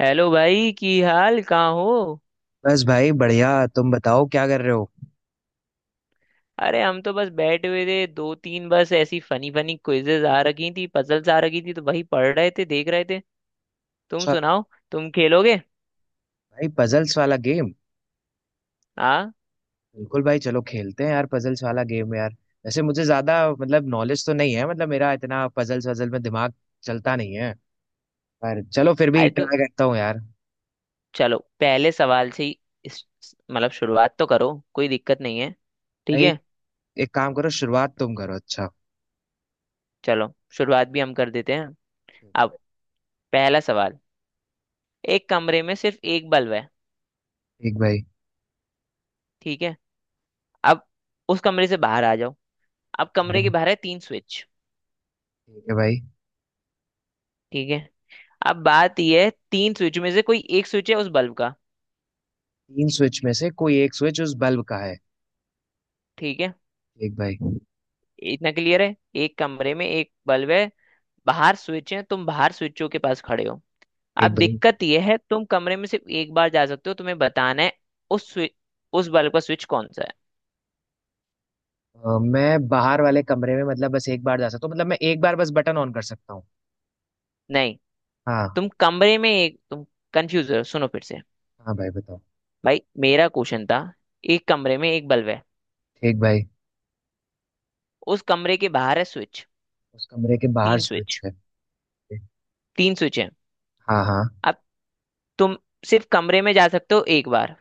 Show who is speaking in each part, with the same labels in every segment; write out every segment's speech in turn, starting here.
Speaker 1: Hello भाई की हाल कहाँ हो।
Speaker 2: बस भाई बढ़िया। तुम बताओ क्या कर रहे हो।
Speaker 1: अरे हम तो बस बैठे हुए थे। दो तीन बस ऐसी फनी फनी क्विजेज आ रखी थी, पजल्स आ रखी थी, तो वही पढ़ रहे थे, देख रहे थे। तुम
Speaker 2: अच्छा।
Speaker 1: सुनाओ। तुम खेलोगे।
Speaker 2: भाई पजल्स वाला गेम?
Speaker 1: हाँ।
Speaker 2: बिल्कुल भाई, चलो खेलते हैं यार पजल्स वाला गेम यार। वैसे मुझे ज्यादा मतलब नॉलेज तो नहीं है, मतलब मेरा इतना पजल्स वजल में दिमाग चलता नहीं है। पर चलो फिर भी
Speaker 1: आए तो
Speaker 2: ट्राई करता हूँ यार।
Speaker 1: चलो, पहले सवाल से ही। इस मतलब शुरुआत तो करो, कोई दिक्कत नहीं है। ठीक
Speaker 2: भाई
Speaker 1: है।
Speaker 2: एक काम करो, शुरुआत तुम करो। अच्छा
Speaker 1: चलो, शुरुआत भी हम कर देते हैं।
Speaker 2: ठीक
Speaker 1: अब पहला सवाल। एक कमरे में सिर्फ एक बल्ब है।
Speaker 2: है भाई।
Speaker 1: ठीक है। अब उस कमरे से बाहर आ जाओ। अब
Speaker 2: ठीक भाई, आ
Speaker 1: कमरे के
Speaker 2: गए।
Speaker 1: बाहर है तीन स्विच।
Speaker 2: ठीक है भाई।
Speaker 1: ठीक है। अब बात यह है, तीन स्विच में से कोई एक स्विच है उस बल्ब का।
Speaker 2: तीन स्विच में से कोई एक स्विच उस बल्ब का है।
Speaker 1: ठीक है।
Speaker 2: ठीक भाई।
Speaker 1: इतना क्लियर है। एक कमरे में एक बल्ब है। बाहर स्विच है, तुम बाहर स्विचों के पास खड़े हो। अब
Speaker 2: ठीक भाई।
Speaker 1: दिक्कत यह है, तुम कमरे में सिर्फ एक बार जा सकते हो, तुम्हें बताना है उस स्विच उस बल्ब का स्विच कौन सा है।
Speaker 2: मैं बाहर वाले कमरे में मतलब बस एक बार जा सकता हूँ, मतलब मैं एक बार बस बटन ऑन कर सकता हूँ।
Speaker 1: नहीं,
Speaker 2: हाँ।
Speaker 1: तुम कमरे में एक तुम कंफ्यूज हो, सुनो फिर से।
Speaker 2: हाँ भाई बताओ।
Speaker 1: भाई, मेरा क्वेश्चन था। एक कमरे में एक बल्ब है।
Speaker 2: ठीक भाई।
Speaker 1: उस कमरे के बाहर है स्विच।
Speaker 2: उस कमरे के बाहर
Speaker 1: तीन
Speaker 2: स्विच
Speaker 1: स्विच।
Speaker 2: है।
Speaker 1: तीन स्विच है।
Speaker 2: हाँ हाँ।
Speaker 1: अब तुम सिर्फ कमरे में जा सकते हो एक बार।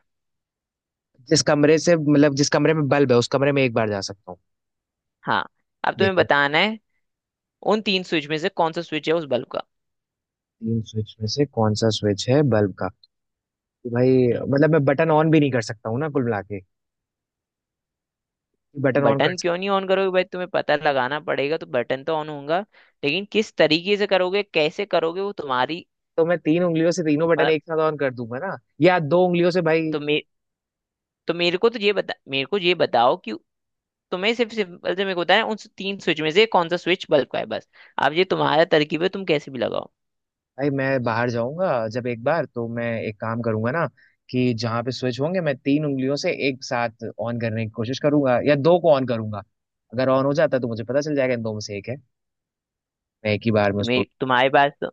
Speaker 2: जिस कमरे से मतलब जिस कमरे में बल्ब है उस कमरे में एक बार जा सकता हूँ।
Speaker 1: हाँ। अब तुम्हें
Speaker 2: देखिए,
Speaker 1: बताना है, उन तीन स्विच में से कौन सा स्विच है उस बल्ब का।
Speaker 2: तीन स्विच में से कौन सा स्विच है बल्ब का। तो भाई
Speaker 1: हम्म
Speaker 2: मतलब मैं बटन ऑन भी नहीं कर सकता हूँ ना कुल मिला के। बटन ऑन कर
Speaker 1: बटन
Speaker 2: सकता।
Speaker 1: क्यों नहीं ऑन करोगे भाई, तुम्हें पता लगाना पड़ेगा तो बटन तो ऑन होगा। लेकिन किस तरीके से करोगे, कैसे करोगे, वो तुम्हारी
Speaker 2: तो मैं तीन उंगलियों से तीनों बटन
Speaker 1: मतलब।
Speaker 2: एक साथ ऑन कर दूंगा ना। या दो उंगलियों से भाई।
Speaker 1: तो मे तो मेरे को तो ये बता मेरे को ये बताओ कि तुम्हें सिर्फ सिंपल से मेरे को बताया, उन तीन स्विच में से कौन सा स्विच बल्ब का है, बस। अब ये तुम्हारा तरकीब है, तुम कैसे भी लगाओ।
Speaker 2: भाई मैं बाहर जाऊंगा जब एक बार, तो मैं एक काम करूंगा ना कि जहां पे स्विच होंगे मैं तीन उंगलियों से एक साथ ऑन करने की कोशिश करूंगा या दो को ऑन करूंगा। अगर ऑन हो जाता तो मुझे पता चल जाएगा इन दो में से एक है। मैं एक ही बार में उसको।
Speaker 1: तुम्हें तुम्हारे पास तो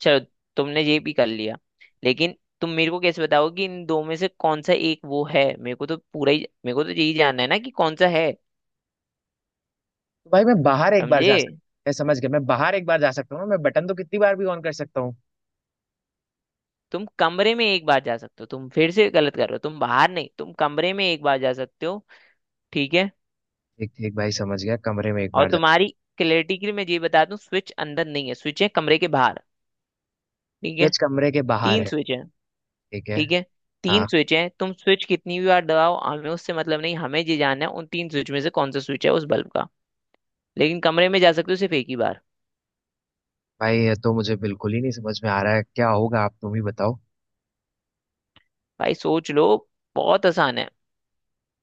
Speaker 1: चलो, तुमने ये भी कर लिया। लेकिन तुम मेरे को कैसे बताओगे कि इन दो में से कौन सा एक वो है। मेरे को तो यही जानना है ना कि कौन सा है।
Speaker 2: तो भाई मैं बाहर एक बार
Speaker 1: समझे।
Speaker 2: जा सकता हूँ। मैं समझ गया, मैं बाहर एक बार जा सकता हूँ ना, मैं बटन तो कितनी बार भी ऑन कर सकता हूँ।
Speaker 1: तुम कमरे में एक बार जा सकते हो, तुम फिर से गलत कर रहे हो। तुम बाहर नहीं, तुम कमरे में एक बार जा सकते हो। ठीक है।
Speaker 2: ठीक ठीक भाई, समझ गया कमरे में एक
Speaker 1: और
Speaker 2: बार जा।
Speaker 1: तुम्हारी क्लैरिटी के लिए मैं ये बता दूं, स्विच अंदर नहीं है, स्विच है कमरे के बाहर। ठीक है।
Speaker 2: स्विच कमरे के बाहर
Speaker 1: तीन
Speaker 2: है।
Speaker 1: स्विच है।
Speaker 2: ठीक है।
Speaker 1: ठीक है। तीन
Speaker 2: हाँ
Speaker 1: स्विच है, तुम स्विच कितनी भी बार दबाओ, हमें उससे मतलब नहीं। हमें ये जानना है, उन तीन स्विच में से कौन सा स्विच है उस बल्ब का। लेकिन कमरे में जा सकते हो सिर्फ एक ही बार।
Speaker 2: भाई, ये तो मुझे बिल्कुल ही नहीं समझ में आ रहा है क्या होगा, आप तुम ही बताओ।
Speaker 1: भाई सोच लो, बहुत आसान है।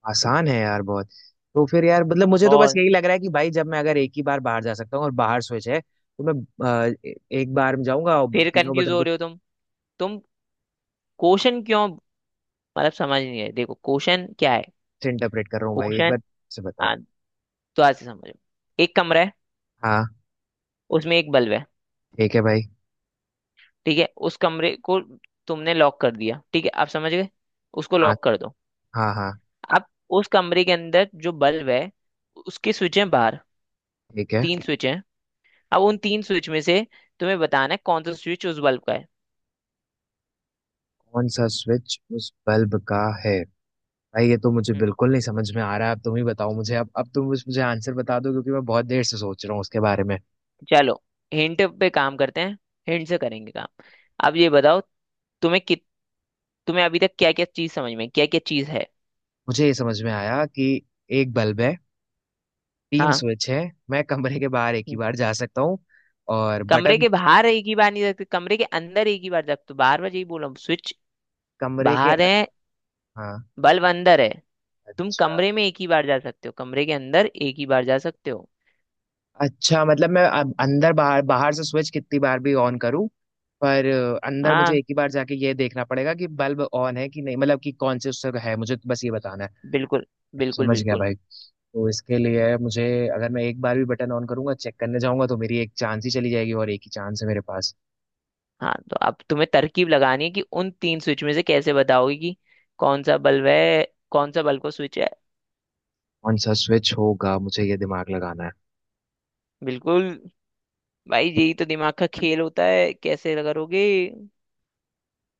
Speaker 2: आसान है यार बहुत। तो फिर यार मतलब मुझे तो बस
Speaker 1: बहुत।
Speaker 2: यही लग रहा है कि भाई जब मैं अगर एक ही बार बाहर जा सकता हूँ और बाहर स्विच है तो मैं अ, ए- एक बार में जाऊंगा और
Speaker 1: फिर
Speaker 2: तीनों
Speaker 1: कंफ्यूज
Speaker 2: बटन
Speaker 1: हो
Speaker 2: को।
Speaker 1: रहे हो तुम। तुम क्वेश्चन क्यों मतलब समझ नहीं रहे, देखो क्वेश्चन क्या है।
Speaker 2: इंटरप्रेट कर रहा हूँ भाई, एक
Speaker 1: क्वेश्चन।
Speaker 2: बार से बताओ।
Speaker 1: आ, तो आज से समझो, एक कमरा है।
Speaker 2: हाँ।
Speaker 1: उसमें एक बल्ब है।
Speaker 2: ठीक है भाई।
Speaker 1: ठीक है। उस कमरे को तुमने लॉक कर दिया, ठीक है, आप समझ गए। उसको
Speaker 2: हाँ।
Speaker 1: लॉक कर दो।
Speaker 2: हाँ हाँ।
Speaker 1: अब उस कमरे के अंदर जो बल्ब है, उसके स्विच हैं बाहर।
Speaker 2: ठीक है।
Speaker 1: तीन स्विच हैं। अब उन तीन स्विच में से तुम्हें बताना है कौन सा स्विच उस बल्ब का है।
Speaker 2: कौन सा स्विच उस बल्ब का है। भाई ये तो मुझे
Speaker 1: हम्म,
Speaker 2: बिल्कुल नहीं समझ में आ रहा है, अब तुम ही बताओ मुझे। अब तुम मुझे मुझे आंसर बता दो क्योंकि मैं बहुत देर से सोच रहा हूँ उसके बारे में।
Speaker 1: चलो, हिंट पे काम करते हैं। हिंट से करेंगे काम। अब ये बताओ, तुम्हें कित तुम्हें अभी तक क्या क्या चीज समझ में, क्या क्या चीज है।
Speaker 2: मुझे ये समझ में आया कि एक बल्ब है, तीन
Speaker 1: हाँ।
Speaker 2: स्विच है, मैं कमरे के बाहर एक ही बार जा सकता हूँ और
Speaker 1: कमरे
Speaker 2: बटन।
Speaker 1: के बाहर एक ही बार नहीं सकते, कमरे के अंदर एक ही बार। जग तो बार बार यही बोल रहा हूँ। स्विच
Speaker 2: कमरे के।
Speaker 1: बाहर है,
Speaker 2: हाँ।
Speaker 1: बल्ब अंदर है। तुम
Speaker 2: अच्छा।
Speaker 1: कमरे में एक ही बार जा सकते हो, कमरे के अंदर एक ही बार जा सकते हो।
Speaker 2: अच्छा मतलब मैं अब अंदर बाहर, बाहर से स्विच कितनी बार भी ऑन करूँ, पर अंदर मुझे
Speaker 1: हाँ,
Speaker 2: एक ही बार जाके ये देखना पड़ेगा कि बल्ब ऑन है कि नहीं, मतलब कि कौन से उससे है, मुझे तो बस ये बताना है।
Speaker 1: बिल्कुल। बिल्कुल
Speaker 2: समझ गया
Speaker 1: बिल्कुल
Speaker 2: भाई, तो इसके लिए मुझे अगर मैं एक बार भी बटन ऑन करूंगा चेक करने जाऊंगा तो मेरी एक चांस ही चली जाएगी और एक ही चांस है मेरे पास।
Speaker 1: हाँ, तो अब तुम्हें तरकीब लगानी है कि उन तीन स्विच में से कैसे बताओगे कि कौन सा बल्ब है, कौन सा बल्ब का स्विच है।
Speaker 2: कौन सा स्विच होगा, मुझे ये दिमाग लगाना है।
Speaker 1: बिल्कुल। भाई, यही तो दिमाग का खेल होता है, कैसे करोगे।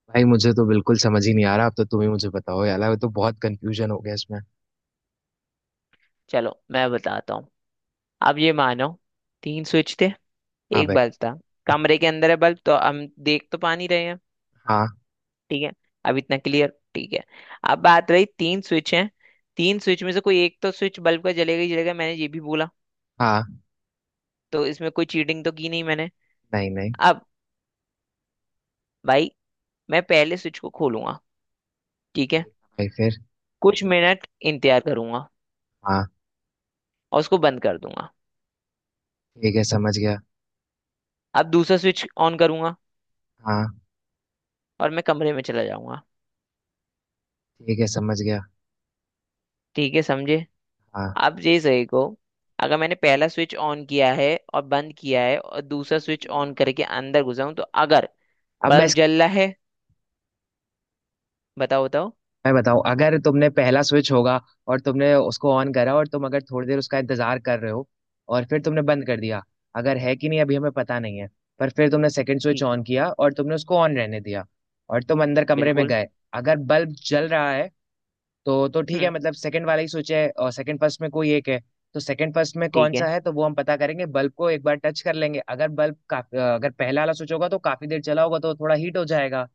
Speaker 2: भाई मुझे तो बिल्कुल समझ ही नहीं आ रहा, अब तो तुम ही मुझे बताओ यार, अब तो बहुत कंफ्यूजन हो गया इसमें।
Speaker 1: चलो, मैं बताता हूँ। अब ये मानो, तीन स्विच थे,
Speaker 2: हाँ
Speaker 1: एक
Speaker 2: भाई।
Speaker 1: बल्ब था। कमरे के अंदर है बल्ब, तो हम देख तो पा नहीं रहे हैं।
Speaker 2: हाँ।
Speaker 1: ठीक है। अब इतना क्लियर। ठीक है। अब बात रही, तीन स्विच हैं। तीन स्विच में से कोई एक तो स्विच बल्ब का जलेगा ही जलेगा, मैंने ये भी बोला।
Speaker 2: हाँ।
Speaker 1: तो इसमें कोई चीटिंग तो की नहीं मैंने।
Speaker 2: नहीं नहीं।
Speaker 1: अब भाई, मैं पहले स्विच को खोलूंगा। ठीक है।
Speaker 2: ठीक है भाई, फिर?
Speaker 1: कुछ मिनट इंतजार करूंगा
Speaker 2: हाँ।
Speaker 1: और उसको बंद कर दूंगा।
Speaker 2: ठीक है, समझ गया।
Speaker 1: अब दूसरा स्विच ऑन करूंगा
Speaker 2: हाँ।
Speaker 1: और मैं कमरे में चला जाऊंगा।
Speaker 2: ठीक है, समझ गया।
Speaker 1: ठीक है, समझे।
Speaker 2: हाँ।
Speaker 1: आप ये सही को। अगर मैंने पहला स्विच ऑन किया है और बंद किया है और दूसरा
Speaker 2: समझ
Speaker 1: स्विच
Speaker 2: गया,
Speaker 1: ऑन करके अंदर घुसा हूं, तो अगर
Speaker 2: अब मैं।
Speaker 1: बल्ब जल रहा है। बताओ बताओ।
Speaker 2: मैं बताऊं, अगर तुमने पहला स्विच होगा और तुमने उसको ऑन करा और तुम अगर थोड़ी देर उसका इंतजार कर रहे हो और फिर तुमने बंद कर दिया, अगर है कि नहीं अभी हमें पता नहीं है, पर फिर तुमने सेकंड स्विच
Speaker 1: ठीक।
Speaker 2: ऑन किया और तुमने उसको ऑन रहने दिया और तुम अंदर कमरे में
Speaker 1: बिल्कुल।
Speaker 2: गए। अगर बल्ब जल रहा है तो ठीक है,
Speaker 1: हम्म
Speaker 2: मतलब सेकंड वाला ही स्विच है। और सेकंड फर्स्ट में कोई एक है, तो सेकंड फर्स्ट में कौन
Speaker 1: ठीक
Speaker 2: सा
Speaker 1: है।
Speaker 2: है तो वो हम पता करेंगे बल्ब को एक बार टच कर लेंगे। अगर बल्ब काफी, अगर पहला वाला स्विच होगा तो काफी देर चला होगा तो थोड़ा हीट हो जाएगा।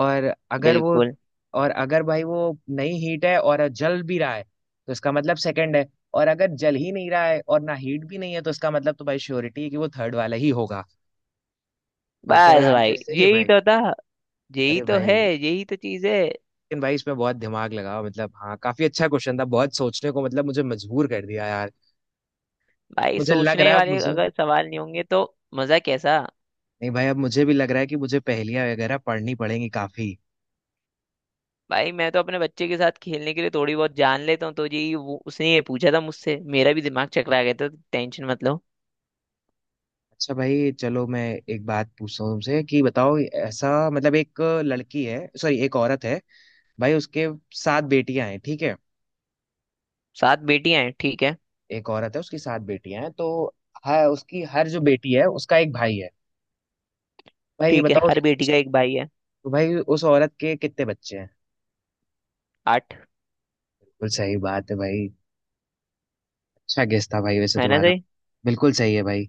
Speaker 2: और अगर वो,
Speaker 1: बिल्कुल।
Speaker 2: और अगर भाई वो नहीं हीट है और जल भी रहा है तो इसका मतलब सेकंड है। और अगर जल ही नहीं रहा है और ना हीट भी नहीं है तो इसका मतलब तो भाई श्योरिटी है कि वो थर्ड वाला ही होगा। तो क्या ये
Speaker 1: बस
Speaker 2: आंसर
Speaker 1: भाई,
Speaker 2: बराबर सही है
Speaker 1: यही
Speaker 2: भाई?
Speaker 1: तो था, यही
Speaker 2: अरे
Speaker 1: तो है,
Speaker 2: भाई!
Speaker 1: यही तो चीज है।
Speaker 2: लेकिन भाई इसमें बहुत दिमाग लगा, मतलब हाँ, काफी अच्छा क्वेश्चन था, बहुत सोचने को मतलब मुझे मजबूर कर दिया यार।
Speaker 1: भाई,
Speaker 2: मुझे लग रहा
Speaker 1: सोचने
Speaker 2: है, अब ओके
Speaker 1: वाले
Speaker 2: मुझे।
Speaker 1: अगर सवाल नहीं होंगे तो मजा कैसा।
Speaker 2: नहीं भाई, अब मुझे भी लग रहा है कि मुझे पहेलियां वगैरह पढ़नी पड़ेंगी काफी।
Speaker 1: भाई मैं तो अपने बच्चे के साथ खेलने के लिए थोड़ी बहुत जान लेता हूँ, तो यही वो उसने ये पूछा था मुझसे, मेरा भी दिमाग चकरा गया था, टेंशन मत लो।
Speaker 2: अच्छा भाई चलो, मैं एक बात पूछता हूँ तुमसे कि बताओ, ऐसा मतलब एक लड़की है, सॉरी एक औरत है भाई, उसके सात बेटियां हैं, ठीक है,
Speaker 1: सात बेटियां हैं, ठीक है।
Speaker 2: एक औरत है उसकी सात बेटियां हैं तो हाँ उसकी हर जो बेटी है उसका एक भाई है। भाई ये
Speaker 1: ठीक है,
Speaker 2: बताओ,
Speaker 1: हर बेटी का एक भाई है।
Speaker 2: तो भाई उस औरत के कितने बच्चे हैं?
Speaker 1: आठ।
Speaker 2: बिल्कुल सही बात है भाई। अच्छा गेस था भाई वैसे
Speaker 1: है ना
Speaker 2: तुम्हारा।
Speaker 1: सही।
Speaker 2: बिल्कुल सही है भाई।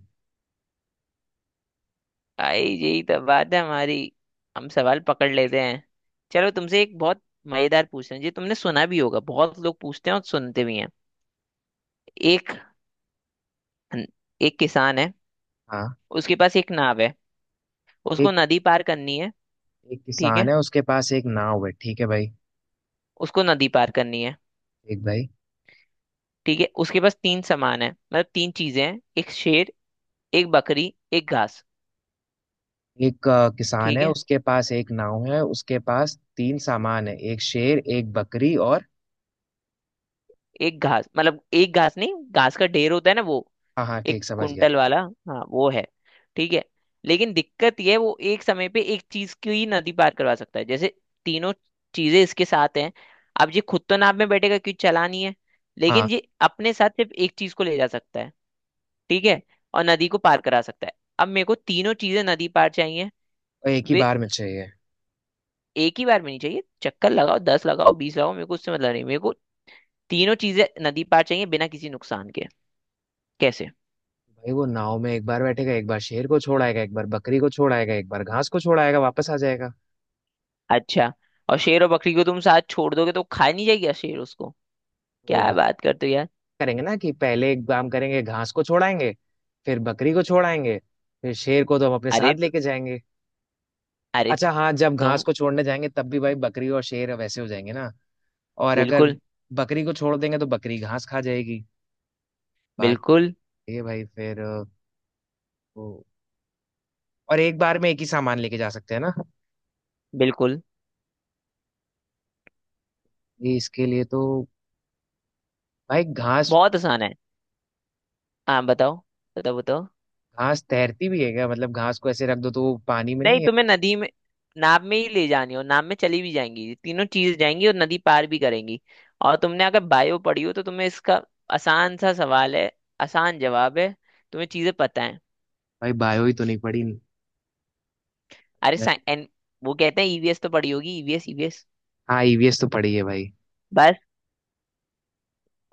Speaker 1: भाई यही तो बात है हमारी, हम सवाल पकड़ लेते हैं। चलो, तुमसे एक बहुत मजेदार पूछते हैं, जो तुमने सुना भी होगा, बहुत लोग पूछते हैं और सुनते भी हैं। एक एक किसान है,
Speaker 2: हाँ।
Speaker 1: उसके पास एक नाव है, उसको
Speaker 2: एक
Speaker 1: नदी पार करनी है।
Speaker 2: एक
Speaker 1: ठीक
Speaker 2: किसान
Speaker 1: है,
Speaker 2: है उसके पास एक नाव है, ठीक है भाई।
Speaker 1: उसको नदी पार करनी है।
Speaker 2: एक भाई।
Speaker 1: ठीक है, उसके पास तीन सामान है, मतलब तीन चीजें हैं, एक शेर, एक बकरी, एक घास।
Speaker 2: एक किसान
Speaker 1: ठीक
Speaker 2: है,
Speaker 1: है।
Speaker 2: उसके पास एक नाव है, उसके पास तीन सामान है, एक शेर, एक बकरी और।
Speaker 1: एक घास मतलब एक घास नहीं, घास का ढेर होता है ना वो,
Speaker 2: हाँ हाँ
Speaker 1: एक
Speaker 2: ठीक, समझ गया।
Speaker 1: कुंटल वाला, हाँ वो है। ठीक है। लेकिन दिक्कत ये है, वो एक समय पे एक चीज की ही नदी पार करवा सकता है। जैसे तीनों चीजें इसके साथ हैं, अब ये खुद तो नाव में बैठेगा क्योंकि चलानी है,
Speaker 2: हाँ।
Speaker 1: लेकिन ये अपने साथ सिर्फ एक चीज को ले जा सकता है। ठीक है, और नदी को पार करा सकता है। अब मेरे को तीनों चीजें नदी पार चाहिए।
Speaker 2: और एक ही
Speaker 1: वे
Speaker 2: बार में चाहिए?
Speaker 1: एक ही बार में नहीं चाहिए, चक्कर लगाओ, 10 लगाओ, 20 लगाओ, मेरे को उससे मतलब नहीं। मेरे को तीनों चीजें नदी पार चाहिए, बिना किसी नुकसान के। कैसे।
Speaker 2: भाई वो नाव में एक बार बैठेगा, एक बार शेर को छोड़ आएगा, एक बार बकरी को छोड़ आएगा, एक बार घास को छोड़ आएगा, वापस आ जाएगा।
Speaker 1: अच्छा, और शेर और बकरी को तुम साथ छोड़ दोगे तो खा नहीं जाएगी शेर उसको,
Speaker 2: तो
Speaker 1: क्या
Speaker 2: भाई
Speaker 1: बात करते हो यार।
Speaker 2: करेंगे ना कि पहले एक काम करेंगे, घास को छोड़ाएंगे, फिर बकरी को छोड़ाएंगे, फिर शेर को तो हम अपने साथ
Speaker 1: अरे तो,
Speaker 2: लेके जाएंगे।
Speaker 1: अरे तो,
Speaker 2: अच्छा हाँ, जब घास
Speaker 1: तुम
Speaker 2: को छोड़ने जाएंगे तब भी भाई बकरी और शेर वैसे हो जाएंगे ना। और अगर
Speaker 1: बिल्कुल।
Speaker 2: बकरी को छोड़ देंगे तो बकरी घास खा जाएगी। बात
Speaker 1: बिल्कुल
Speaker 2: ये है भाई। फिर वो, और एक बार में एक ही सामान लेके जा सकते हैं ना।
Speaker 1: बिल्कुल
Speaker 2: ये इसके लिए तो भाई घास।
Speaker 1: बहुत आसान है। हाँ बताओ, बताओ बताओ।
Speaker 2: घास तैरती भी है क्या, मतलब घास को ऐसे रख दो तो वो पानी में नहीं
Speaker 1: नहीं,
Speaker 2: है?
Speaker 1: तुम्हें नदी में नाव में ही ले जानी हो, नाव में चली भी जाएंगी ये तीनों चीज जाएंगी और नदी पार भी करेंगी। और तुमने अगर बायो पढ़ी हो तो तुम्हें इसका, आसान सा सवाल है, आसान जवाब है, तुम्हें चीजें पता है।
Speaker 2: भाई बायो ही तो नहीं पढ़ी।
Speaker 1: अरे साइ- एन, वो कहते हैं ईवीएस, तो पढ़ी होगी ईवीएस ईवीएस।
Speaker 2: हाँ ईवीएस तो पढ़ी है भाई।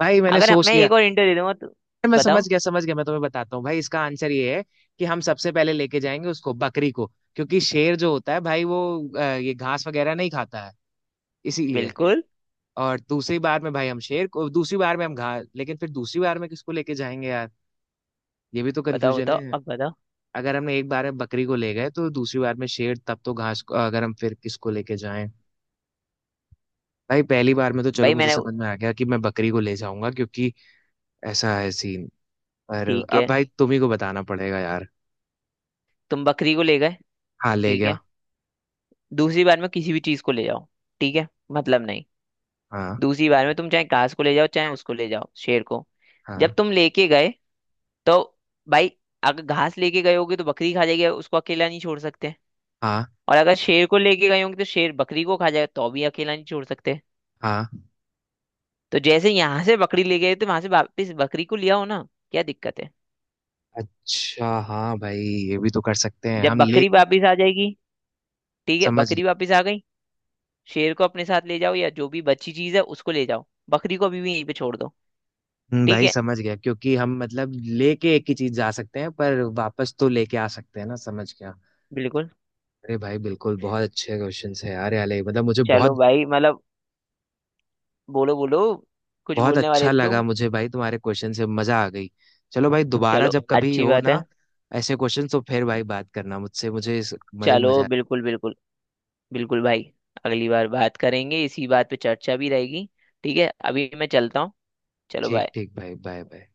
Speaker 2: भाई मैंने
Speaker 1: अगर हम-
Speaker 2: सोच
Speaker 1: मैं
Speaker 2: लिया,
Speaker 1: एक और इंटरव्यू दे दूंगा तो
Speaker 2: मैं समझ
Speaker 1: बताओ।
Speaker 2: गया, समझ गया, मैं तुम्हें बताता हूँ भाई इसका आंसर ये है कि हम सबसे पहले लेके जाएंगे उसको, बकरी को, क्योंकि शेर जो होता है भाई वो ये घास वगैरह नहीं खाता है, इसीलिए बिल्कुल।
Speaker 1: बिल्कुल।
Speaker 2: और दूसरी बार में भाई हम शेर को, दूसरी बार में हम घास, लेकिन फिर दूसरी बार में किसको लेके जाएंगे यार, ये भी तो
Speaker 1: बताओ
Speaker 2: कंफ्यूजन
Speaker 1: बताओ,
Speaker 2: है।
Speaker 1: अब बताओ।
Speaker 2: अगर हमने एक बार में बकरी को ले गए तो दूसरी बार में शेर, तब तो घास को, अगर हम फिर किसको लेके जाएं? भाई पहली बार में तो चलो
Speaker 1: भाई
Speaker 2: मुझे
Speaker 1: मैंने
Speaker 2: समझ में आ गया कि मैं बकरी को ले जाऊंगा क्योंकि ऐसा है सीन, पर
Speaker 1: ठीक है,
Speaker 2: अब भाई तुम ही को बताना पड़ेगा यार।
Speaker 1: तुम बकरी को ले गए।
Speaker 2: हाँ ले
Speaker 1: ठीक
Speaker 2: गया।
Speaker 1: है, दूसरी बार में किसी भी चीज को ले जाओ। ठीक है, मतलब नहीं,
Speaker 2: हाँ।
Speaker 1: दूसरी बार में तुम चाहे घास को ले जाओ, चाहे उसको ले जाओ शेर को। जब
Speaker 2: हाँ।
Speaker 1: तुम लेके गए, तो भाई, अगर घास लेके गए होगे तो बकरी खा जाएगी उसको, अकेला नहीं छोड़ सकते।
Speaker 2: हाँ।
Speaker 1: और अगर शेर को लेके गए होंगे तो शेर बकरी को खा जाएगा, तो भी अकेला नहीं छोड़ सकते।
Speaker 2: हाँ।
Speaker 1: तो जैसे यहाँ से बकरी ले गए, तो वहां से वापस बकरी को लिया हो ना, क्या दिक्कत है।
Speaker 2: अच्छा हाँ भाई, ये भी तो कर सकते हैं
Speaker 1: जब
Speaker 2: हम ले।
Speaker 1: बकरी वापस आ जाएगी, ठीक है,
Speaker 2: समझ
Speaker 1: बकरी
Speaker 2: गए।
Speaker 1: वापस आ गई, शेर को अपने साथ ले जाओ, या जो भी बची चीज है उसको ले जाओ, बकरी को अभी भी यहीं पे छोड़ दो। ठीक
Speaker 2: भाई
Speaker 1: है।
Speaker 2: समझ गया क्योंकि हम मतलब लेके एक ही चीज जा सकते हैं पर वापस तो लेके आ सकते हैं ना, समझ गया।
Speaker 1: बिल्कुल।
Speaker 2: अरे भाई बिल्कुल, बहुत अच्छे क्वेश्चन है यार, ये मतलब मुझे
Speaker 1: चलो
Speaker 2: बहुत
Speaker 1: भाई, मतलब, बोलो बोलो, कुछ
Speaker 2: बहुत
Speaker 1: बोलने
Speaker 2: अच्छा
Speaker 1: वाले थे
Speaker 2: लगा
Speaker 1: तुम।
Speaker 2: मुझे भाई तुम्हारे क्वेश्चन से, मजा आ गई। चलो भाई दोबारा
Speaker 1: चलो,
Speaker 2: जब कभी
Speaker 1: अच्छी
Speaker 2: हो
Speaker 1: बात है।
Speaker 2: ना, ऐसे क्वेश्चन तो फिर भाई बात करना मुझसे, मुझे मजे
Speaker 1: चलो
Speaker 2: मजा।
Speaker 1: बिल्कुल, बिल्कुल बिल्कुल भाई, अगली बार बात करेंगे, इसी बात पे चर्चा भी रहेगी। ठीक है, अभी मैं चलता हूँ। चलो
Speaker 2: ठीक
Speaker 1: बाय।
Speaker 2: ठीक भाई, बाय बाय।